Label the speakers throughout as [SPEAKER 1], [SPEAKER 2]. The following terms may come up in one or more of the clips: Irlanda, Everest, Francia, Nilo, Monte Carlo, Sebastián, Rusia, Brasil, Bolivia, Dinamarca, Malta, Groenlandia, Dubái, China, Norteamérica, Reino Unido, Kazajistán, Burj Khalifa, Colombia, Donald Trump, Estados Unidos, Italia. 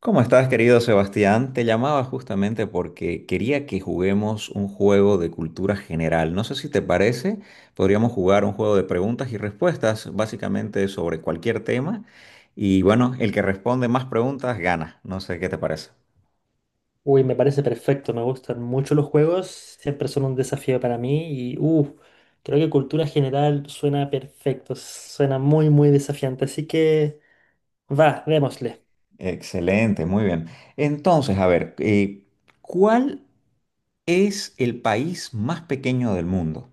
[SPEAKER 1] ¿Cómo estás, querido Sebastián? Te llamaba justamente porque quería que juguemos un juego de cultura general. No sé si te parece, podríamos jugar un juego de preguntas y respuestas, básicamente sobre cualquier tema. Y bueno, el que responde más preguntas gana. No sé qué te parece.
[SPEAKER 2] Uy, me parece perfecto, me gustan mucho los juegos, siempre son un desafío para mí y creo que cultura general suena perfecto, suena muy muy desafiante, así que va, démosle.
[SPEAKER 1] Excelente, muy bien. Entonces, a ver, ¿cuál es el país más pequeño del mundo?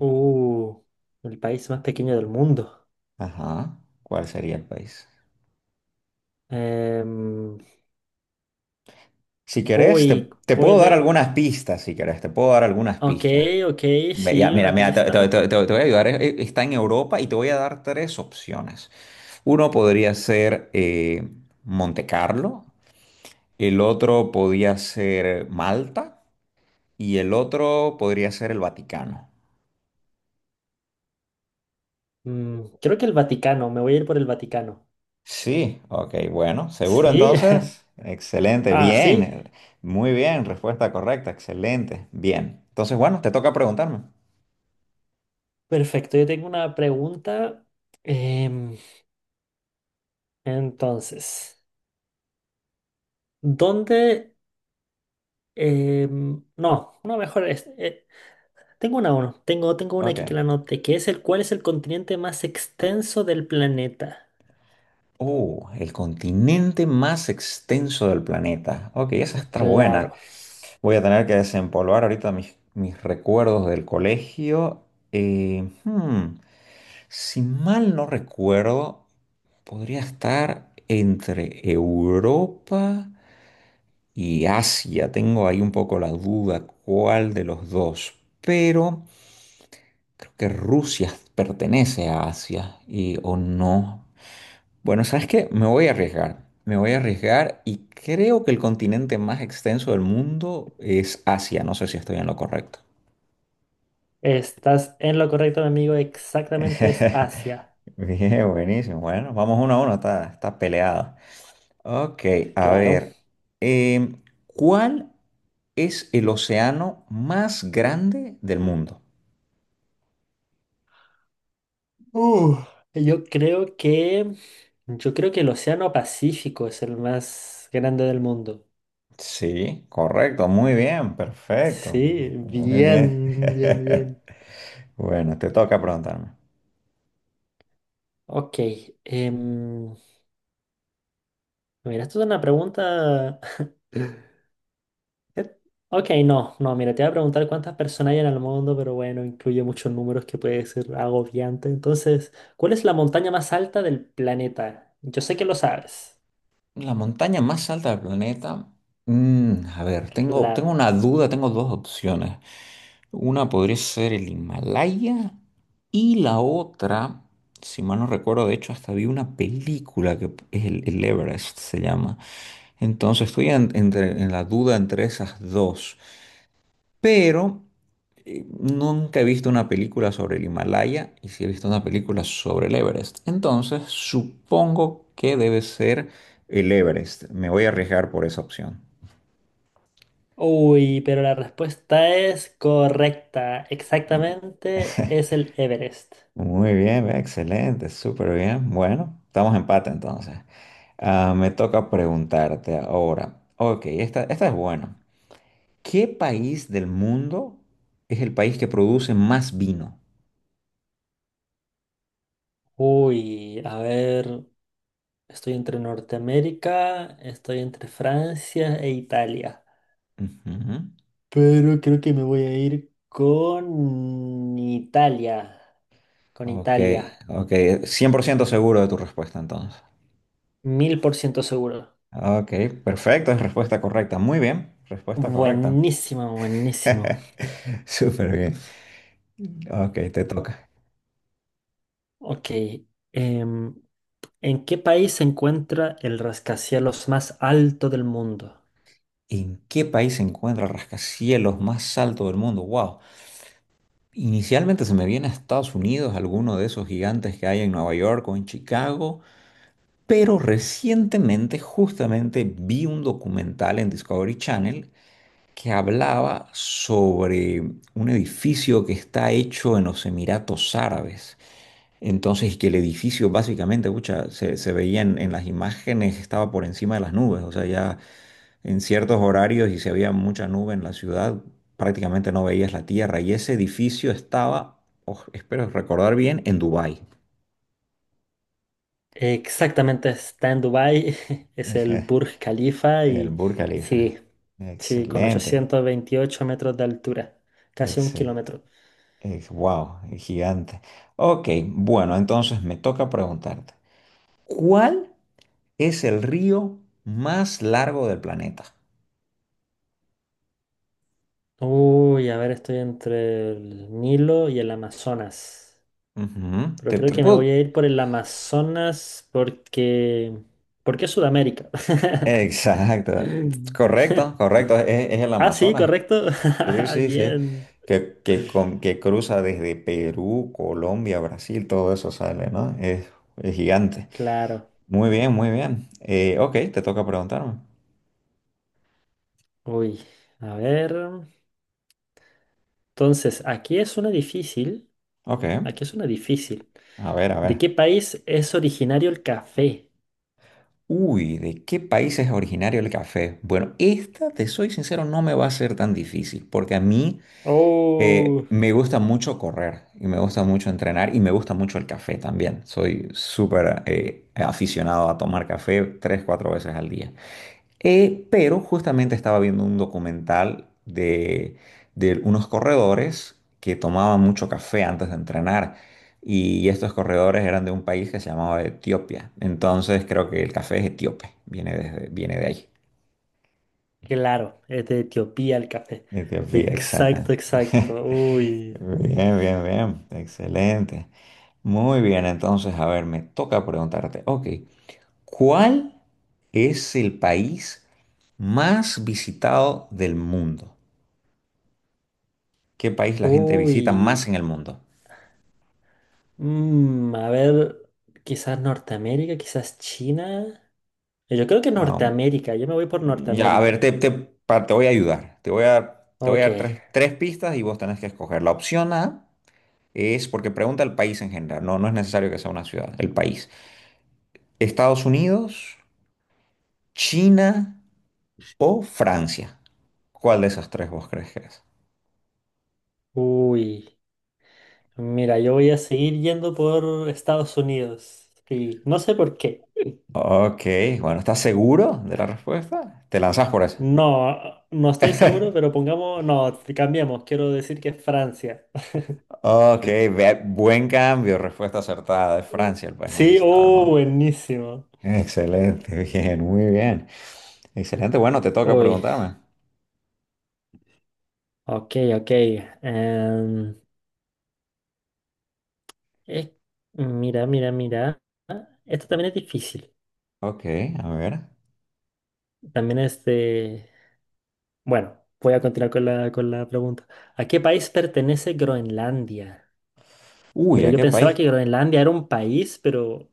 [SPEAKER 2] Uh, el país más pequeño del mundo.
[SPEAKER 1] Ajá, ¿cuál sería el país?
[SPEAKER 2] Em,
[SPEAKER 1] Si querés,
[SPEAKER 2] Uy,
[SPEAKER 1] te puedo dar
[SPEAKER 2] puede...
[SPEAKER 1] algunas pistas, si querés, te puedo dar algunas
[SPEAKER 2] Ok,
[SPEAKER 1] pistas.
[SPEAKER 2] ok,
[SPEAKER 1] Ya,
[SPEAKER 2] sí,
[SPEAKER 1] mira,
[SPEAKER 2] una
[SPEAKER 1] mira,
[SPEAKER 2] pista.
[SPEAKER 1] te voy a ayudar. Está en Europa y te voy a dar tres opciones. Uno podría ser Monte Carlo, el otro podría ser Malta y el otro podría ser el Vaticano.
[SPEAKER 2] Mm, creo que el Vaticano, me voy a ir por el Vaticano.
[SPEAKER 1] Sí, ok, bueno, seguro
[SPEAKER 2] Sí,
[SPEAKER 1] entonces. Excelente,
[SPEAKER 2] ah, sí,
[SPEAKER 1] bien, muy bien, respuesta correcta, excelente, bien. Entonces, bueno, te toca preguntarme.
[SPEAKER 2] perfecto, yo tengo una pregunta. Em, entonces... ¿Dónde? No, no, mejor tengo una uno. Tengo una
[SPEAKER 1] Ok.
[SPEAKER 2] aquí que la anoté, que es el cuál es el continente más extenso del planeta.
[SPEAKER 1] Oh, el continente más extenso del planeta. Ok, esa está buena.
[SPEAKER 2] Claro.
[SPEAKER 1] Voy a tener que desempolvar ahorita mis recuerdos del colegio. Eh, hmm, si mal no recuerdo, podría estar entre Europa y Asia. Tengo ahí un poco la duda cuál de los dos, pero creo que Rusia pertenece a Asia y o no. Bueno, ¿sabes qué? Me voy a arriesgar. Me voy a arriesgar y creo que el continente más extenso del mundo es Asia. No sé si estoy en lo correcto.
[SPEAKER 2] Estás en lo correcto, mi amigo. Exactamente es Asia.
[SPEAKER 1] Bien, buenísimo. Bueno, vamos 1-1, está peleado. Ok, a
[SPEAKER 2] Claro.
[SPEAKER 1] ver. em, ¿Cuál es el océano más grande del mundo?
[SPEAKER 2] Uh, yo creo que. Yo creo que el Océano Pacífico es el más grande del mundo.
[SPEAKER 1] Sí, correcto, muy bien, perfecto.
[SPEAKER 2] Sí,
[SPEAKER 1] Muy bien.
[SPEAKER 2] bien, bien, bien.
[SPEAKER 1] Bueno, te toca preguntarme.
[SPEAKER 2] Ok. em, Mira, esto es una pregunta. Eh, Ok, no, no, mira, te voy a preguntar cuántas personas hay en el mundo, pero bueno, incluye muchos números que puede ser agobiante. Entonces, ¿cuál es la montaña más alta del planeta? Yo sé que lo sabes,
[SPEAKER 1] La montaña más alta del planeta. Mm, a ver, tengo
[SPEAKER 2] claro.
[SPEAKER 1] una duda, tengo dos opciones. Una podría ser el Himalaya y la otra, si mal no recuerdo, de hecho hasta vi una película que es el Everest, se llama. Entonces en la duda entre esas dos, pero nunca he visto una película sobre el Himalaya y sí he visto una película sobre el Everest. Entonces supongo que debe ser el Everest. Me voy a arriesgar por esa opción.
[SPEAKER 2] Uy, pero la respuesta es correcta. Exactamente, es el Everest.
[SPEAKER 1] Muy bien, excelente, súper bien. Bueno, estamos en empate entonces. Ah, me toca preguntarte ahora. Ok, esta es buena. ¿Qué país del mundo es el país que produce más vino?
[SPEAKER 2] Uy, a ver, estoy entre Norteamérica, estoy entre Francia e Italia.
[SPEAKER 1] Ujú.
[SPEAKER 2] Pero creo que me voy a ir con Italia. Con
[SPEAKER 1] Ok,
[SPEAKER 2] Italia.
[SPEAKER 1] ok. 100% seguro de tu respuesta entonces.
[SPEAKER 2] 1000% seguro.
[SPEAKER 1] Ok, perfecto, es respuesta correcta. Muy bien, respuesta correcta.
[SPEAKER 2] Buenísimo, buenísimo.
[SPEAKER 1] Súper bien. Ok, te toca.
[SPEAKER 2] Ok. em, ¿En qué país se encuentra el rascacielos más alto del mundo?
[SPEAKER 1] ¿En qué país se encuentra el rascacielos más alto del mundo? Wow. Inicialmente se me viene a Estados Unidos, alguno de esos gigantes que hay en Nueva York o en Chicago, pero recientemente justamente vi un documental en Discovery Channel que hablaba sobre un edificio que está hecho en los Emiratos Árabes. Entonces, y que el edificio básicamente, pucha, se veía en las imágenes, estaba por encima de las nubes, o sea, ya en ciertos horarios y si había mucha nube en la ciudad, prácticamente no veías la tierra. Y ese edificio estaba, oh, espero recordar bien, en Dubái.
[SPEAKER 2] Exactamente, está en Dubái, es el
[SPEAKER 1] Ejé,
[SPEAKER 2] Burj Khalifa
[SPEAKER 1] el
[SPEAKER 2] y
[SPEAKER 1] Burj Khalifa.
[SPEAKER 2] sí, sí, con
[SPEAKER 1] Excelente.
[SPEAKER 2] 828 metros de altura, casi un
[SPEAKER 1] Excel,
[SPEAKER 2] kilómetro.
[SPEAKER 1] wow, gigante. Ok, bueno, entonces me toca preguntarte, ¿cuál es el río más largo del planeta?
[SPEAKER 2] Uy, a ver, estoy entre el Nilo y el Amazonas,
[SPEAKER 1] Ujú,
[SPEAKER 2] pero creo que me voy a ir por el Amazonas porque... porque es Sudamérica.
[SPEAKER 1] Exacto. Correcto, correcto. Es el
[SPEAKER 2] Ah, sí,
[SPEAKER 1] Amazonas.
[SPEAKER 2] correcto.
[SPEAKER 1] Sí, sí, sí.
[SPEAKER 2] Bien,
[SPEAKER 1] Que cruza desde Perú, Colombia, Brasil, todo eso sale, ¿no? Es gigante.
[SPEAKER 2] claro.
[SPEAKER 1] Muy bien, muy bien. Ok, te toca preguntarme.
[SPEAKER 2] Uy, a ver. Entonces, aquí es una difícil.
[SPEAKER 1] Ok,
[SPEAKER 2] Aquí es una difícil.
[SPEAKER 1] a
[SPEAKER 2] ¿De
[SPEAKER 1] ver.
[SPEAKER 2] qué país es originario el café?
[SPEAKER 1] Uy, ¿de qué país es originario el café? Bueno, esta, te soy sincero, no me va a ser tan difícil, porque a mí
[SPEAKER 2] Oh,
[SPEAKER 1] me gusta mucho correr y me gusta mucho entrenar y me gusta mucho el café también. Soy súper aficionado a tomar café tres, cuatro veces al día. Pero justamente estaba viendo un documental de unos corredores que tomaban mucho café antes de entrenar. Y estos corredores eran de un país que se llamaba Etiopía. Entonces creo que el café es etíope, viene de ahí.
[SPEAKER 2] claro, es de Etiopía el café.
[SPEAKER 1] Etiopía,
[SPEAKER 2] Exacto,
[SPEAKER 1] exacta.
[SPEAKER 2] exacto. Uy,
[SPEAKER 1] Bien, bien, bien. Excelente. Muy bien, entonces, a ver, me toca preguntarte, ok, ¿cuál es el país más visitado del mundo? ¿Qué país la gente visita
[SPEAKER 2] uy.
[SPEAKER 1] más en el mundo?
[SPEAKER 2] Mm, a ver, quizás Norteamérica, quizás China. Yo creo que
[SPEAKER 1] Um,
[SPEAKER 2] Norteamérica. Yo me voy por
[SPEAKER 1] ya, a ver,
[SPEAKER 2] Norteamérica.
[SPEAKER 1] te voy a ayudar. Te voy a
[SPEAKER 2] Ok.
[SPEAKER 1] dar tres pistas y vos tenés que escoger. La opción A es porque pregunta el país en general. No es necesario que sea una ciudad, el país. Estados Unidos, China o Francia. ¿Cuál de esas tres vos crees que es?
[SPEAKER 2] Uy. Mira, yo voy a seguir yendo por Estados Unidos. Sí, no sé por qué.
[SPEAKER 1] Ok, bueno, ¿estás seguro de la respuesta? Te lanzás por eso.
[SPEAKER 2] No, no estoy seguro, pero pongamos, no, cambiamos. Quiero decir que es Francia.
[SPEAKER 1] Ok, buen cambio, respuesta acertada de
[SPEAKER 2] Mm.
[SPEAKER 1] Francia, el país más
[SPEAKER 2] Sí,
[SPEAKER 1] visitado del
[SPEAKER 2] oh,
[SPEAKER 1] mundo.
[SPEAKER 2] buenísimo.
[SPEAKER 1] Excelente, bien, muy bien. Excelente, bueno, te toca
[SPEAKER 2] Uy,
[SPEAKER 1] preguntarme.
[SPEAKER 2] ok, ok. em, eh, Mira, mira, mira. Esto también es difícil.
[SPEAKER 1] Ok, a ver.
[SPEAKER 2] También es de... Bueno, voy a continuar con con la pregunta. ¿A qué país pertenece Groenlandia?
[SPEAKER 1] Uy,
[SPEAKER 2] Mira,
[SPEAKER 1] ¿a
[SPEAKER 2] yo
[SPEAKER 1] qué país?
[SPEAKER 2] pensaba que Groenlandia era un país, pero...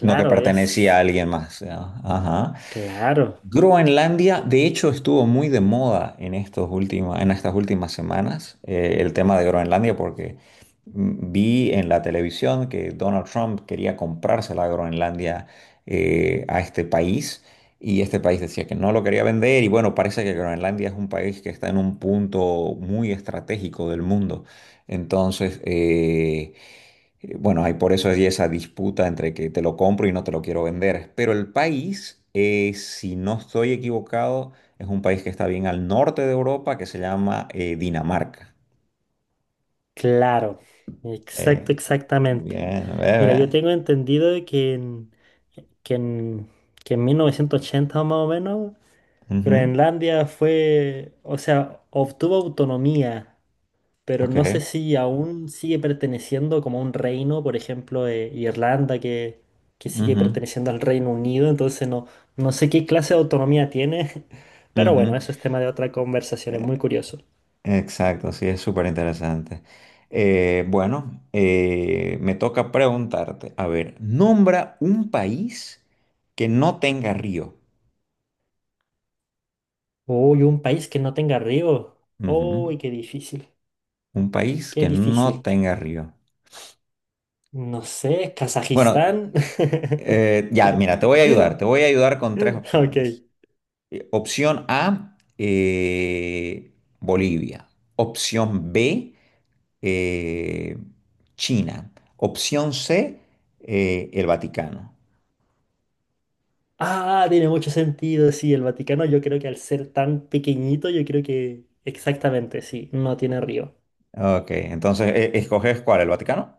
[SPEAKER 1] No que pertenecía
[SPEAKER 2] es.
[SPEAKER 1] a alguien más. ¿No? Ajá.
[SPEAKER 2] Claro,
[SPEAKER 1] Groenlandia, de hecho, estuvo muy de moda en estos últimos, en estas últimas semanas, el tema de Groenlandia, porque vi en la televisión que Donald Trump quería comprarse la Groenlandia a este país, y este país decía que no lo quería vender, y bueno, parece que Groenlandia es un país que está en un punto muy estratégico del mundo. Entonces, Bueno, hay por eso hay esa disputa entre que te lo compro y no te lo quiero vender. Pero el país, si no estoy equivocado, es un país que está bien al norte de Europa que se llama Dinamarca.
[SPEAKER 2] claro. Exacto,
[SPEAKER 1] Eh,
[SPEAKER 2] exactamente.
[SPEAKER 1] bien,
[SPEAKER 2] Mira, yo
[SPEAKER 1] bebé.
[SPEAKER 2] tengo entendido de que en, que en 1980 más o menos,
[SPEAKER 1] Ujú,
[SPEAKER 2] Groenlandia fue, o sea, obtuvo autonomía, pero no sé
[SPEAKER 1] ok.
[SPEAKER 2] si aún sigue perteneciendo como a un reino, por ejemplo, Irlanda, que sigue
[SPEAKER 1] Ujú,
[SPEAKER 2] perteneciendo al Reino Unido, entonces no, no sé qué clase de autonomía tiene, pero bueno,
[SPEAKER 1] ujú.
[SPEAKER 2] eso es tema de otra conversación, es muy curioso.
[SPEAKER 1] Exacto, sí, es súper interesante. Bueno, me toca preguntarte, a ver, nombra un país que no tenga río.
[SPEAKER 2] Uy, un país que no tenga río.
[SPEAKER 1] Ujú.
[SPEAKER 2] Uy, qué difícil,
[SPEAKER 1] Un país
[SPEAKER 2] qué
[SPEAKER 1] que no
[SPEAKER 2] difícil.
[SPEAKER 1] tenga río.
[SPEAKER 2] No sé,
[SPEAKER 1] Bueno,
[SPEAKER 2] Kazajistán.
[SPEAKER 1] ya, mira, te voy a ayudar. Te voy a ayudar con tres
[SPEAKER 2] Ok.
[SPEAKER 1] opciones. Opción A, Bolivia. Opción B, eh, China. Opción C, el Vaticano.
[SPEAKER 2] Ah, tiene mucho sentido, sí, el Vaticano yo creo que al ser tan pequeñito, yo creo que exactamente, sí, no tiene río.
[SPEAKER 1] Ok, entonces, ¿escoges cuál? ¿El Vaticano?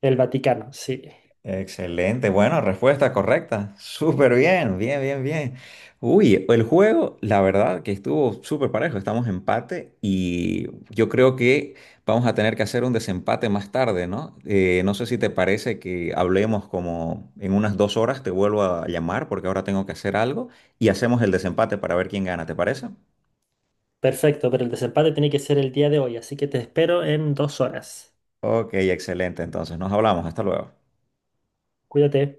[SPEAKER 2] El Vaticano, sí.
[SPEAKER 1] Excelente, bueno, respuesta correcta. Súper bien, bien, bien, bien. Uy, el juego, la verdad que estuvo súper parejo, estamos en empate y yo creo que vamos a tener que hacer un desempate más tarde, ¿no? No sé si te parece que hablemos como en unas 2 horas, te vuelvo a llamar porque ahora tengo que hacer algo y hacemos el desempate para ver quién gana, ¿te parece?
[SPEAKER 2] Perfecto, pero el desempate tiene que ser el día de hoy, así que te espero en 2 horas.
[SPEAKER 1] Ok, excelente, entonces nos hablamos, hasta luego.
[SPEAKER 2] Cuídate.